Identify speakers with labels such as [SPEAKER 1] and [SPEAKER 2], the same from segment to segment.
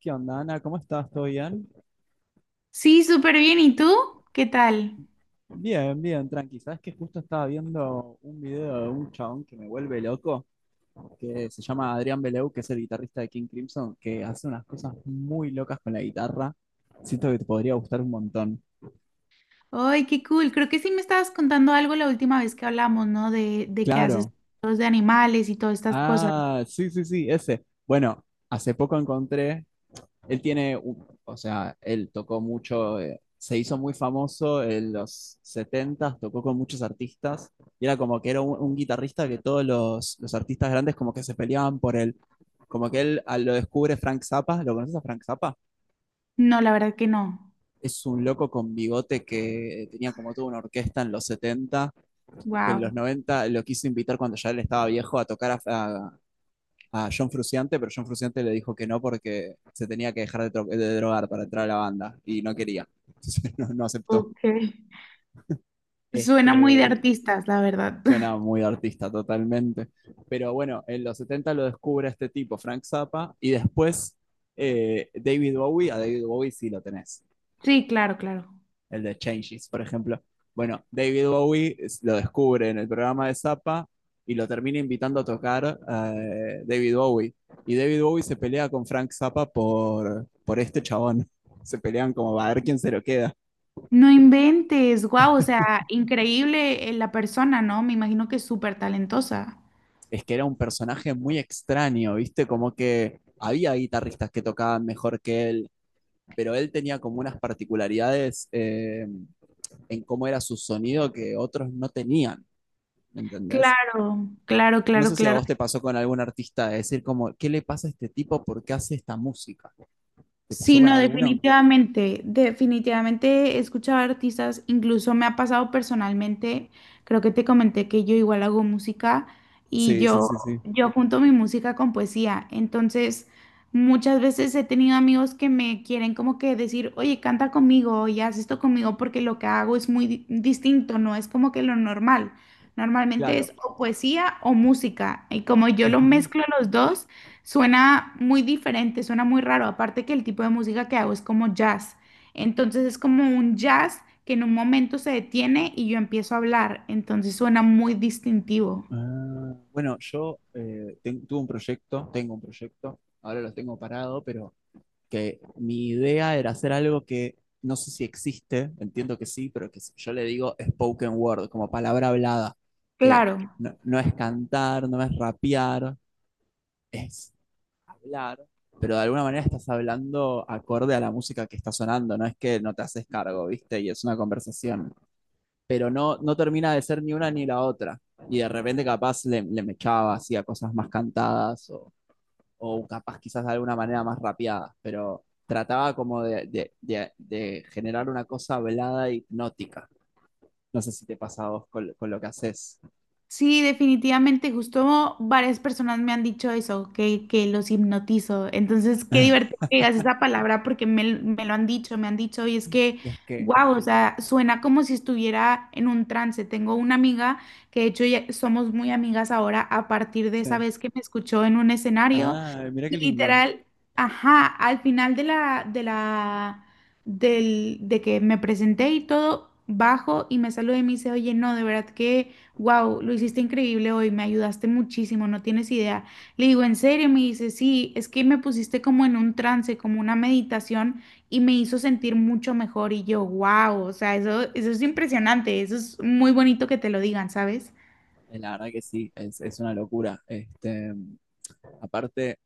[SPEAKER 1] ¿Qué onda, Ana? ¿Cómo estás? ¿Todo bien?
[SPEAKER 2] Sí, súper bien. ¿Y tú? ¿Qué tal?
[SPEAKER 1] Bien, bien, tranqui. Sabes que justo estaba viendo un video de un chabón que me vuelve loco, que se llama Adrián Beleu, que es el guitarrista de King Crimson, que hace unas cosas muy locas con la guitarra. Siento que te podría gustar un montón.
[SPEAKER 2] Ay, qué cool. Creo que sí me estabas contando algo la última vez que hablamos, ¿no? De que haces
[SPEAKER 1] Claro.
[SPEAKER 2] fotos de animales y todas estas cosas.
[SPEAKER 1] Ah, sí, sí, sí, ese. Bueno, hace poco encontré él tiene, o sea, él tocó mucho, se hizo muy famoso en los 70 tocó con muchos artistas, y era como que era un guitarrista que todos los artistas grandes como que se peleaban por él. Como que él lo descubre Frank Zappa. ¿Lo conoces a Frank Zappa?
[SPEAKER 2] No, la verdad que no.
[SPEAKER 1] Es un loco con bigote que tenía como toda una orquesta en los 70, que en los
[SPEAKER 2] Wow.
[SPEAKER 1] 90 lo quiso invitar cuando ya él estaba viejo a tocar a John Frusciante, pero John Frusciante le dijo que no porque se tenía que dejar de drogar para entrar a la banda y no quería. Entonces no, no aceptó.
[SPEAKER 2] Ok. Suena muy de
[SPEAKER 1] Este,
[SPEAKER 2] artistas, la verdad.
[SPEAKER 1] Suena muy artista totalmente. Pero bueno, en los 70 lo descubre este tipo, Frank Zappa, y después David Bowie. A David Bowie sí lo tenés.
[SPEAKER 2] Sí, claro, claro.
[SPEAKER 1] El de Changes, por ejemplo. Bueno, David Bowie lo descubre en el programa de Zappa y lo termina invitando a tocar David Bowie. Y David Bowie se pelea con Frank Zappa por este chabón. Se pelean como a ver quién se lo queda.
[SPEAKER 2] No inventes. Wow, o sea, increíble la persona, ¿no? Me imagino que es súper talentosa.
[SPEAKER 1] Es que era un personaje muy extraño, ¿viste? Como que había guitarristas que tocaban mejor que él, pero él tenía como unas particularidades en cómo era su sonido que otros no tenían, ¿entendés?
[SPEAKER 2] Claro, claro,
[SPEAKER 1] No
[SPEAKER 2] claro,
[SPEAKER 1] sé si a
[SPEAKER 2] claro.
[SPEAKER 1] vos te pasó con algún artista de decir como, ¿qué le pasa a este tipo? ¿Por qué hace esta música? ¿Te pasó
[SPEAKER 2] Sí,
[SPEAKER 1] con
[SPEAKER 2] no,
[SPEAKER 1] alguno?
[SPEAKER 2] definitivamente, definitivamente escuchar artistas, incluso me ha pasado personalmente, creo que te comenté que yo igual hago música y
[SPEAKER 1] Sí, sí,
[SPEAKER 2] yo,
[SPEAKER 1] sí, sí.
[SPEAKER 2] yo junto mi música con poesía, entonces muchas veces he tenido amigos que me quieren como que decir, oye, canta conmigo y haz esto conmigo porque lo que hago es muy distinto, no es como que lo normal, normalmente
[SPEAKER 1] Claro.
[SPEAKER 2] es o poesía o música y como yo lo
[SPEAKER 1] Ujú.
[SPEAKER 2] mezclo los dos. Suena muy diferente, suena muy raro, aparte que el tipo de música que hago es como jazz. Entonces es como un jazz que en un momento se detiene y yo empiezo a hablar, entonces suena muy distintivo.
[SPEAKER 1] Ah, bueno, yo tuve un proyecto, tengo un proyecto, ahora lo tengo parado, pero que mi idea era hacer algo que no sé si existe, entiendo que sí, pero yo le digo spoken word, como palabra hablada, que
[SPEAKER 2] Claro.
[SPEAKER 1] no es cantar, no es rapear, es hablar, pero de alguna manera estás hablando acorde a la música que está sonando, no es que no te haces cargo, ¿viste? Y es una conversación, pero no termina de ser ni una ni la otra. Y de repente capaz le mechaba así a cosas más cantadas, o capaz quizás de alguna manera más rapeadas, pero trataba como de generar una cosa hablada e hipnótica. No sé si te pasa a vos con lo que haces.
[SPEAKER 2] Sí, definitivamente, justo varias personas me han dicho eso, que los hipnotizo. Entonces, qué divertido que digas esa palabra porque me lo han dicho, me han dicho, y es que,
[SPEAKER 1] Y es que,
[SPEAKER 2] wow, o sea, suena como si estuviera en un trance. Tengo una amiga que de hecho ya somos muy amigas ahora a partir de esa
[SPEAKER 1] sí.
[SPEAKER 2] vez que me escuchó en un escenario.
[SPEAKER 1] Ah, mira qué
[SPEAKER 2] Y
[SPEAKER 1] lindo.
[SPEAKER 2] literal, ajá, al final de que me presenté y todo, bajo y me saludé y me dice, oye, no, de verdad que wow, lo hiciste increíble hoy, me ayudaste muchísimo, no tienes idea. Le digo, ¿en serio? Me dice, sí, es que me pusiste como en un trance, como una meditación y me hizo sentir mucho mejor. Y yo, wow, o sea, eso es impresionante, eso es muy bonito que te lo digan, ¿sabes?
[SPEAKER 1] La verdad que sí, es una locura. Aparte,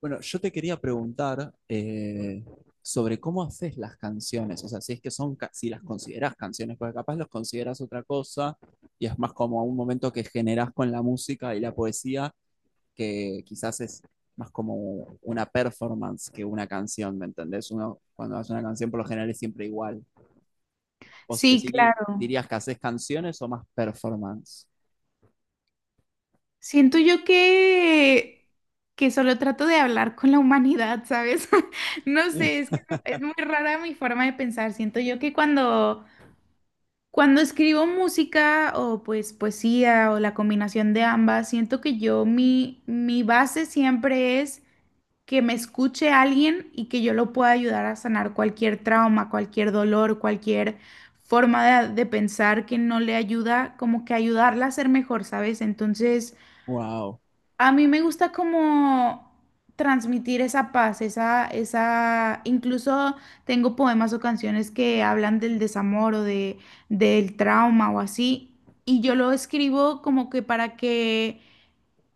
[SPEAKER 1] bueno, yo te quería preguntar sobre cómo haces las canciones. O sea, si es que son, si las consideras canciones, porque capaz los consideras otra cosa y es más como un momento que generas con la música y la poesía, que quizás es más como una performance que una canción. ¿Me entendés? Uno cuando hace una canción por lo general es siempre igual. ¿Vos
[SPEAKER 2] Sí, claro.
[SPEAKER 1] dirías que haces canciones o más performance?
[SPEAKER 2] Siento yo que solo trato de hablar con la humanidad, ¿sabes? No sé, es que es muy rara mi forma de pensar. Siento yo que cuando escribo música o pues poesía o la combinación de ambas, siento que yo mi base siempre es que me escuche alguien y que yo lo pueda ayudar a sanar cualquier trauma, cualquier dolor, cualquier forma de pensar que no le ayuda, como que ayudarla a ser mejor, ¿sabes? Entonces...
[SPEAKER 1] Wow,
[SPEAKER 2] A mí me gusta como transmitir esa paz, incluso tengo poemas o canciones que hablan del desamor del trauma o así, y yo lo escribo como que para que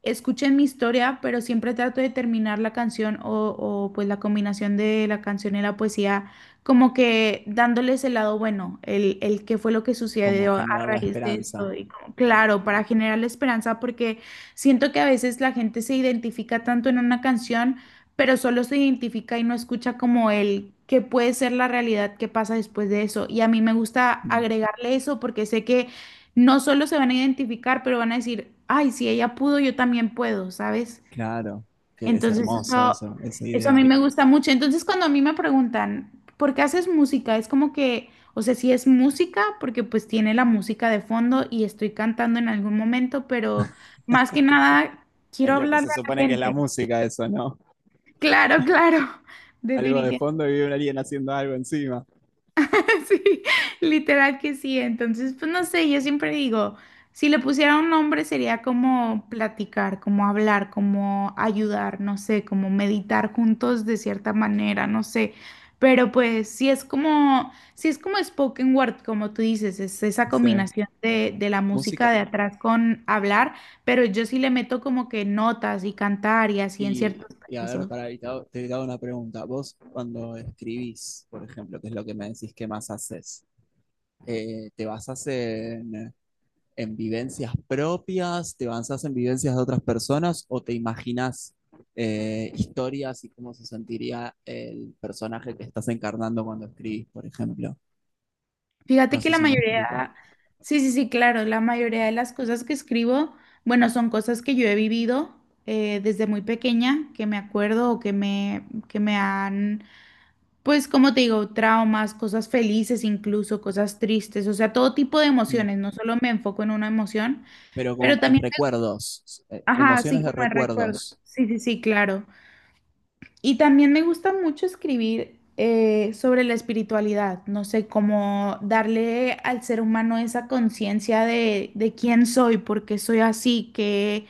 [SPEAKER 2] escuchen mi historia, pero siempre trato de terminar la canción pues la combinación de la canción y la poesía, como que dándoles el lado bueno, el qué fue lo que
[SPEAKER 1] como
[SPEAKER 2] sucedió a
[SPEAKER 1] generar la
[SPEAKER 2] raíz de
[SPEAKER 1] esperanza.
[SPEAKER 2] esto. Y como claro, para generar la esperanza, porque siento que a veces la gente se identifica tanto en una canción, pero solo se identifica y no escucha como el qué puede ser la realidad que pasa después de eso. Y a mí me gusta agregarle eso porque sé que no solo se van a identificar, pero van a decir, ay, si ella pudo, yo también puedo, ¿sabes?
[SPEAKER 1] Claro, que es
[SPEAKER 2] Entonces
[SPEAKER 1] hermoso
[SPEAKER 2] eso,
[SPEAKER 1] eso, esa
[SPEAKER 2] eso a mí
[SPEAKER 1] idea.
[SPEAKER 2] me gusta mucho. Entonces cuando a mí me preguntan, ¿por qué haces música? Es como que, o sea, sí es música, porque pues tiene la música de fondo y estoy cantando en algún momento, pero más que nada quiero
[SPEAKER 1] Es lo que
[SPEAKER 2] hablarle
[SPEAKER 1] se
[SPEAKER 2] a la
[SPEAKER 1] supone que es la
[SPEAKER 2] gente.
[SPEAKER 1] música, eso, ¿no?
[SPEAKER 2] Claro, claro,
[SPEAKER 1] Algo de
[SPEAKER 2] definitivamente.
[SPEAKER 1] fondo y un alguien haciendo algo encima.
[SPEAKER 2] Sí, literal que sí. Entonces, pues no sé, yo siempre digo, si le pusiera un nombre sería como platicar, como hablar, como ayudar, no sé, como meditar juntos de cierta manera, no sé. Pero pues si es como, si es como spoken word, como tú dices, es esa
[SPEAKER 1] Sí,
[SPEAKER 2] combinación de la música
[SPEAKER 1] música.
[SPEAKER 2] de atrás con hablar, pero yo sí le meto como que notas y cantar y así en
[SPEAKER 1] Y,
[SPEAKER 2] ciertos
[SPEAKER 1] y a ver,
[SPEAKER 2] casos.
[SPEAKER 1] para, te hago una pregunta. Vos, cuando escribís, por ejemplo, que es lo que me decís que más haces, ¿te basás en vivencias propias? ¿Te basás en vivencias de otras personas? ¿O te imaginás historias y cómo se sentiría el personaje que estás encarnando cuando escribís, por ejemplo? No
[SPEAKER 2] Fíjate que
[SPEAKER 1] sé
[SPEAKER 2] la
[SPEAKER 1] si me explico.
[SPEAKER 2] mayoría, sí, sí, sí, claro, la mayoría de las cosas que escribo, bueno, son cosas que yo he vivido desde muy pequeña, que me acuerdo o que me han, pues, como te digo, traumas, cosas felices incluso, cosas tristes, o sea, todo tipo de
[SPEAKER 1] Mm.
[SPEAKER 2] emociones, no solo me enfoco en una emoción,
[SPEAKER 1] Pero como
[SPEAKER 2] pero
[SPEAKER 1] en
[SPEAKER 2] también,
[SPEAKER 1] recuerdos,
[SPEAKER 2] ajá, sí,
[SPEAKER 1] emociones de
[SPEAKER 2] como el recuerdo.
[SPEAKER 1] recuerdos.
[SPEAKER 2] Sí, sí, sí, claro. Y también me gusta mucho escribir sobre la espiritualidad, no sé, cómo darle al ser humano esa conciencia de quién soy, por qué soy así, qué,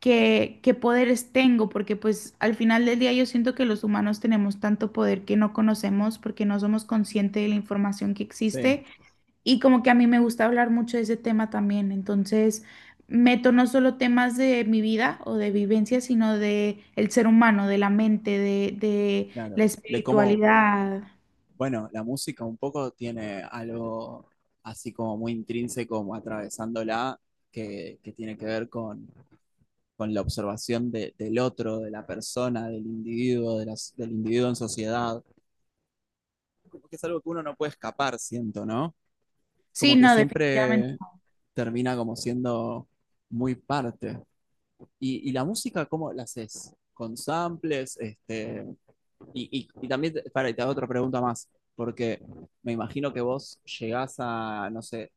[SPEAKER 2] qué, qué poderes tengo, porque pues al final del día yo siento que los humanos tenemos tanto poder que no conocemos porque no somos conscientes de la información que
[SPEAKER 1] Sí,
[SPEAKER 2] existe y como que a mí me gusta hablar mucho de ese tema también. Entonces, meto no solo temas de mi vida o de vivencia, sino de el ser humano, de la mente, de la
[SPEAKER 1] claro. De cómo,
[SPEAKER 2] espiritualidad.
[SPEAKER 1] bueno, la música un poco tiene algo así como muy intrínseco, como atravesándola, que tiene que ver con la observación del otro, de la persona, del individuo, de del individuo en sociedad. Como que es algo que uno no puede escapar, siento, ¿no?
[SPEAKER 2] Sí,
[SPEAKER 1] Como que
[SPEAKER 2] no, definitivamente.
[SPEAKER 1] siempre termina como siendo muy parte. ¿Y la música cómo la haces? ¿Con samples? También, para, te hago otra pregunta más, porque me imagino que vos llegás a, no sé,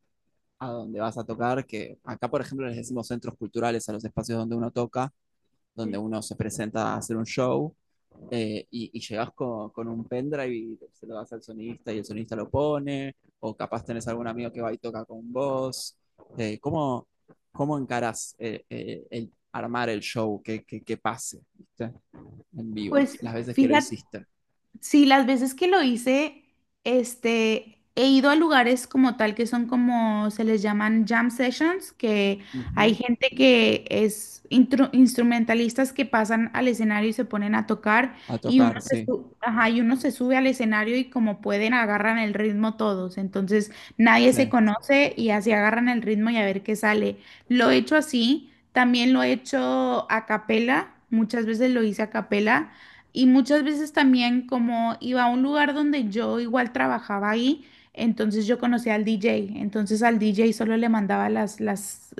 [SPEAKER 1] a donde vas a tocar, que acá, por ejemplo, les decimos centros culturales a los espacios donde uno toca, donde uno se presenta a hacer un show, y llegas con un pendrive y se lo das al sonista y el sonista lo pone, o capaz tenés algún amigo que va y toca con vos. Eh, ¿cómo, ¿Cómo encarás el armar el show que pase, ¿viste?, en vivo?
[SPEAKER 2] Pues
[SPEAKER 1] Las veces que lo
[SPEAKER 2] fíjate,
[SPEAKER 1] hiciste.
[SPEAKER 2] sí, las veces que lo hice, este, he ido a lugares como tal que son como se les llaman jam sessions, que hay
[SPEAKER 1] Ujú.
[SPEAKER 2] gente que es instrumentalistas que pasan al escenario y se ponen a tocar
[SPEAKER 1] A
[SPEAKER 2] y
[SPEAKER 1] tocar, sí,
[SPEAKER 2] ajá, y uno se sube al escenario y como pueden agarran el ritmo todos, entonces nadie se
[SPEAKER 1] sí.
[SPEAKER 2] conoce y así agarran el ritmo y a ver qué sale. Lo he hecho así, también lo he hecho a capela, muchas veces lo hice a capela. Y muchas veces también como iba a un lugar donde yo igual trabajaba ahí, entonces yo conocía al DJ, entonces al DJ solo le mandaba las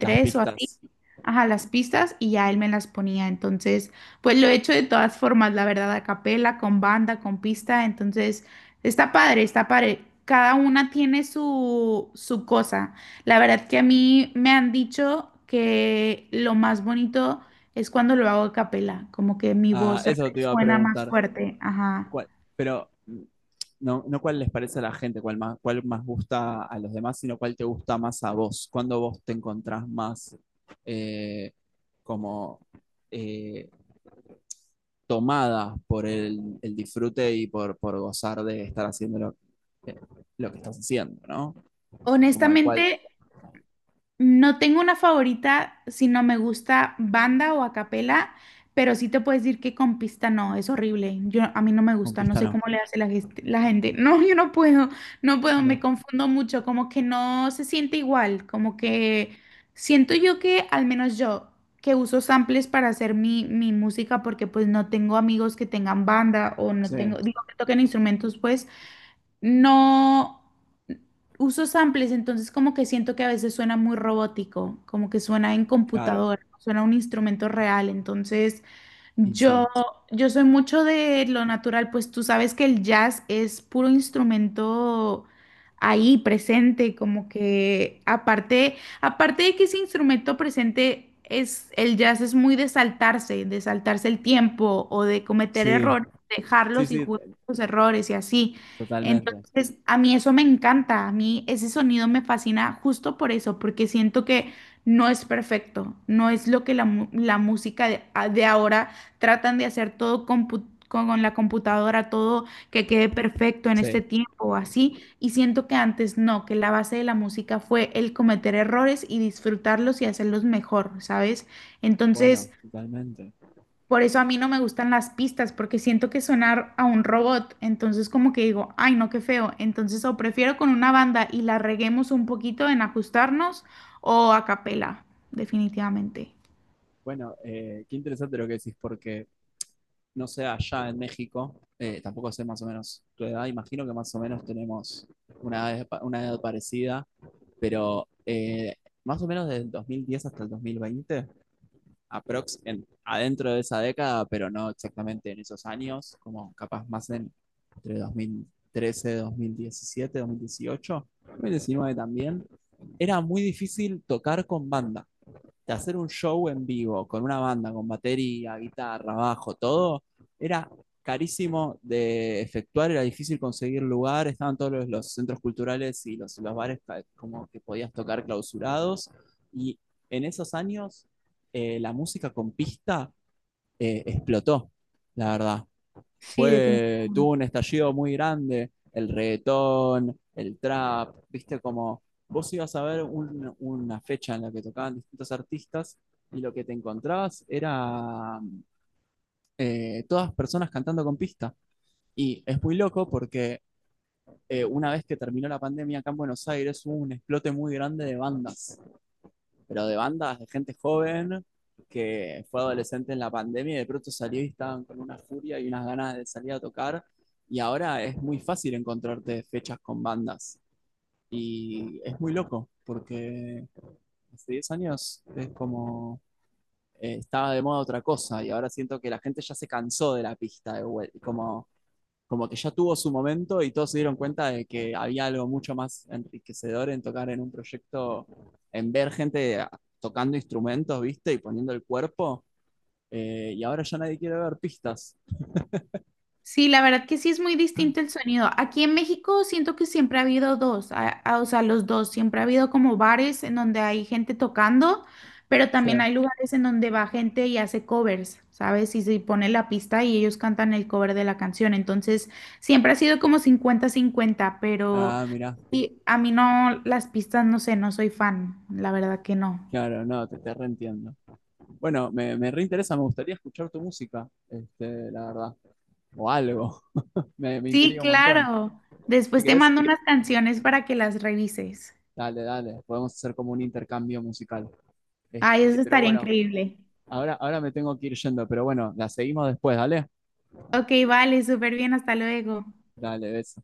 [SPEAKER 1] Las
[SPEAKER 2] o así,
[SPEAKER 1] pistas.
[SPEAKER 2] ajá, las pistas y ya él me las ponía. Entonces, pues lo he hecho de todas formas, la verdad, a capela, con banda, con pista. Entonces, está padre, está padre. Cada una tiene su cosa. La verdad que a mí me han dicho que lo más bonito es cuando lo hago a capela, como que mi
[SPEAKER 1] Ah,
[SPEAKER 2] voz
[SPEAKER 1] eso te iba a
[SPEAKER 2] resuena más
[SPEAKER 1] preguntar.
[SPEAKER 2] fuerte. Ajá.
[SPEAKER 1] cuál- pero no, no cuál les parece a la gente, cuál más gusta a los demás, sino cuál te gusta más a vos. Cuando vos te encontrás más eh, como eh, tomada por el disfrute y por gozar de estar haciendo eh, lo que estás haciendo, ¿no? Como de
[SPEAKER 2] Honestamente,
[SPEAKER 1] cuál.
[SPEAKER 2] no tengo una favorita si no me gusta banda o a capela, pero sí te puedo decir que con pista no, es horrible. Yo, a mí no me gusta, no
[SPEAKER 1] Conquista
[SPEAKER 2] sé
[SPEAKER 1] no.
[SPEAKER 2] cómo le hace la gente. No, yo no puedo, no puedo, me
[SPEAKER 1] No.
[SPEAKER 2] confundo mucho, como que no se siente igual, como que siento yo que, al menos yo, que uso samples para hacer mi música porque pues no tengo amigos que tengan banda o no
[SPEAKER 1] Sí,
[SPEAKER 2] tengo, digo, que toquen instrumentos, pues. No uso samples, entonces como que siento que a veces suena muy robótico, como que suena en
[SPEAKER 1] claro.
[SPEAKER 2] computadora, suena un instrumento real, entonces
[SPEAKER 1] Y
[SPEAKER 2] yo,
[SPEAKER 1] sí.
[SPEAKER 2] yo soy mucho de lo natural, pues tú sabes que el jazz es puro instrumento ahí presente, como que aparte, aparte de que ese instrumento presente es, el jazz es muy de saltarse el tiempo o de cometer
[SPEAKER 1] Sí,
[SPEAKER 2] errores,
[SPEAKER 1] sí,
[SPEAKER 2] dejarlos y
[SPEAKER 1] sí,
[SPEAKER 2] jugar con los errores y así.
[SPEAKER 1] totalmente.
[SPEAKER 2] Entonces, a mí eso me encanta, a mí ese sonido me fascina justo por eso, porque siento que no es perfecto, no es lo que la música de ahora tratan de hacer todo con la computadora, todo que quede perfecto en este
[SPEAKER 1] Sí,
[SPEAKER 2] tiempo, así. Y siento que antes no, que la base de la música fue el cometer errores y disfrutarlos y hacerlos mejor, ¿sabes?
[SPEAKER 1] bueno,
[SPEAKER 2] Entonces,
[SPEAKER 1] totalmente.
[SPEAKER 2] por eso a mí no me gustan las pistas, porque siento que sonar a un robot, entonces como que digo, ay, no, qué feo. Entonces, o prefiero con una banda y la reguemos un poquito en ajustarnos o a capela, definitivamente.
[SPEAKER 1] Bueno, qué interesante lo que decís, porque no sé allá en México, tampoco sé más o menos tu edad, imagino que más o menos tenemos una edad parecida, pero más o menos desde del 2010 hasta el 2020, aprox, adentro de esa década, pero no exactamente en esos años, como capaz más entre 2013, 2017, 2018, 2019 también, era muy difícil tocar con banda, de hacer un show en vivo con una banda, con batería, guitarra, bajo, todo, era carísimo de efectuar, era difícil conseguir lugar, estaban todos los centros culturales y los bares como que podías tocar clausurados. Y en esos años la música con pista explotó, la verdad,
[SPEAKER 2] Sí,
[SPEAKER 1] fue, tuvo
[SPEAKER 2] definitivamente.
[SPEAKER 1] un estallido muy grande, el reggaetón, el trap. Viste como vos ibas a ver una fecha en la que tocaban distintos artistas y lo que te encontrabas era todas personas cantando con pista. Y es muy loco porque una vez que terminó la pandemia acá en Buenos Aires hubo un explote muy grande de bandas, pero de bandas de gente joven que fue adolescente en la pandemia y de pronto salió y estaban con una furia y unas ganas de salir a tocar. Y ahora es muy fácil encontrarte fechas con bandas. Y es muy loco, porque hace 10 años es como estaba de moda otra cosa y ahora siento que la gente ya se cansó de la pista de vuelta. Como que ya tuvo su momento y todos se dieron cuenta de que había algo mucho más enriquecedor en tocar en un proyecto, en ver gente tocando instrumentos, ¿viste? Y poniendo el cuerpo. Y ahora ya nadie quiere ver pistas.
[SPEAKER 2] Sí, la verdad que sí es muy distinto el sonido. Aquí en México siento que siempre ha habido dos, o sea, los dos, siempre ha habido como bares en donde hay gente tocando, pero también
[SPEAKER 1] Sí.
[SPEAKER 2] hay lugares en donde va gente y hace covers, ¿sabes? Y se pone la pista y ellos cantan el cover de la canción. Entonces, siempre ha sido como cincuenta-cincuenta, pero
[SPEAKER 1] Ah, mirá,
[SPEAKER 2] sí, a mí no, las pistas, no sé, no soy fan, la verdad que no.
[SPEAKER 1] claro, no, te reentiendo. Bueno, me reinteresa, me gustaría escuchar tu música, la verdad, o algo, me
[SPEAKER 2] Sí,
[SPEAKER 1] intriga un montón.
[SPEAKER 2] claro.
[SPEAKER 1] Si
[SPEAKER 2] Después te
[SPEAKER 1] querés,
[SPEAKER 2] mando unas canciones para que las revises.
[SPEAKER 1] dale, dale, podemos hacer como un intercambio musical.
[SPEAKER 2] Ay,
[SPEAKER 1] Este,
[SPEAKER 2] eso
[SPEAKER 1] pero
[SPEAKER 2] estaría
[SPEAKER 1] bueno,
[SPEAKER 2] increíble.
[SPEAKER 1] ahora me tengo que ir yendo, pero bueno, la seguimos después, ¿dale?
[SPEAKER 2] Ok, vale, súper bien, hasta luego.
[SPEAKER 1] Dale, beso.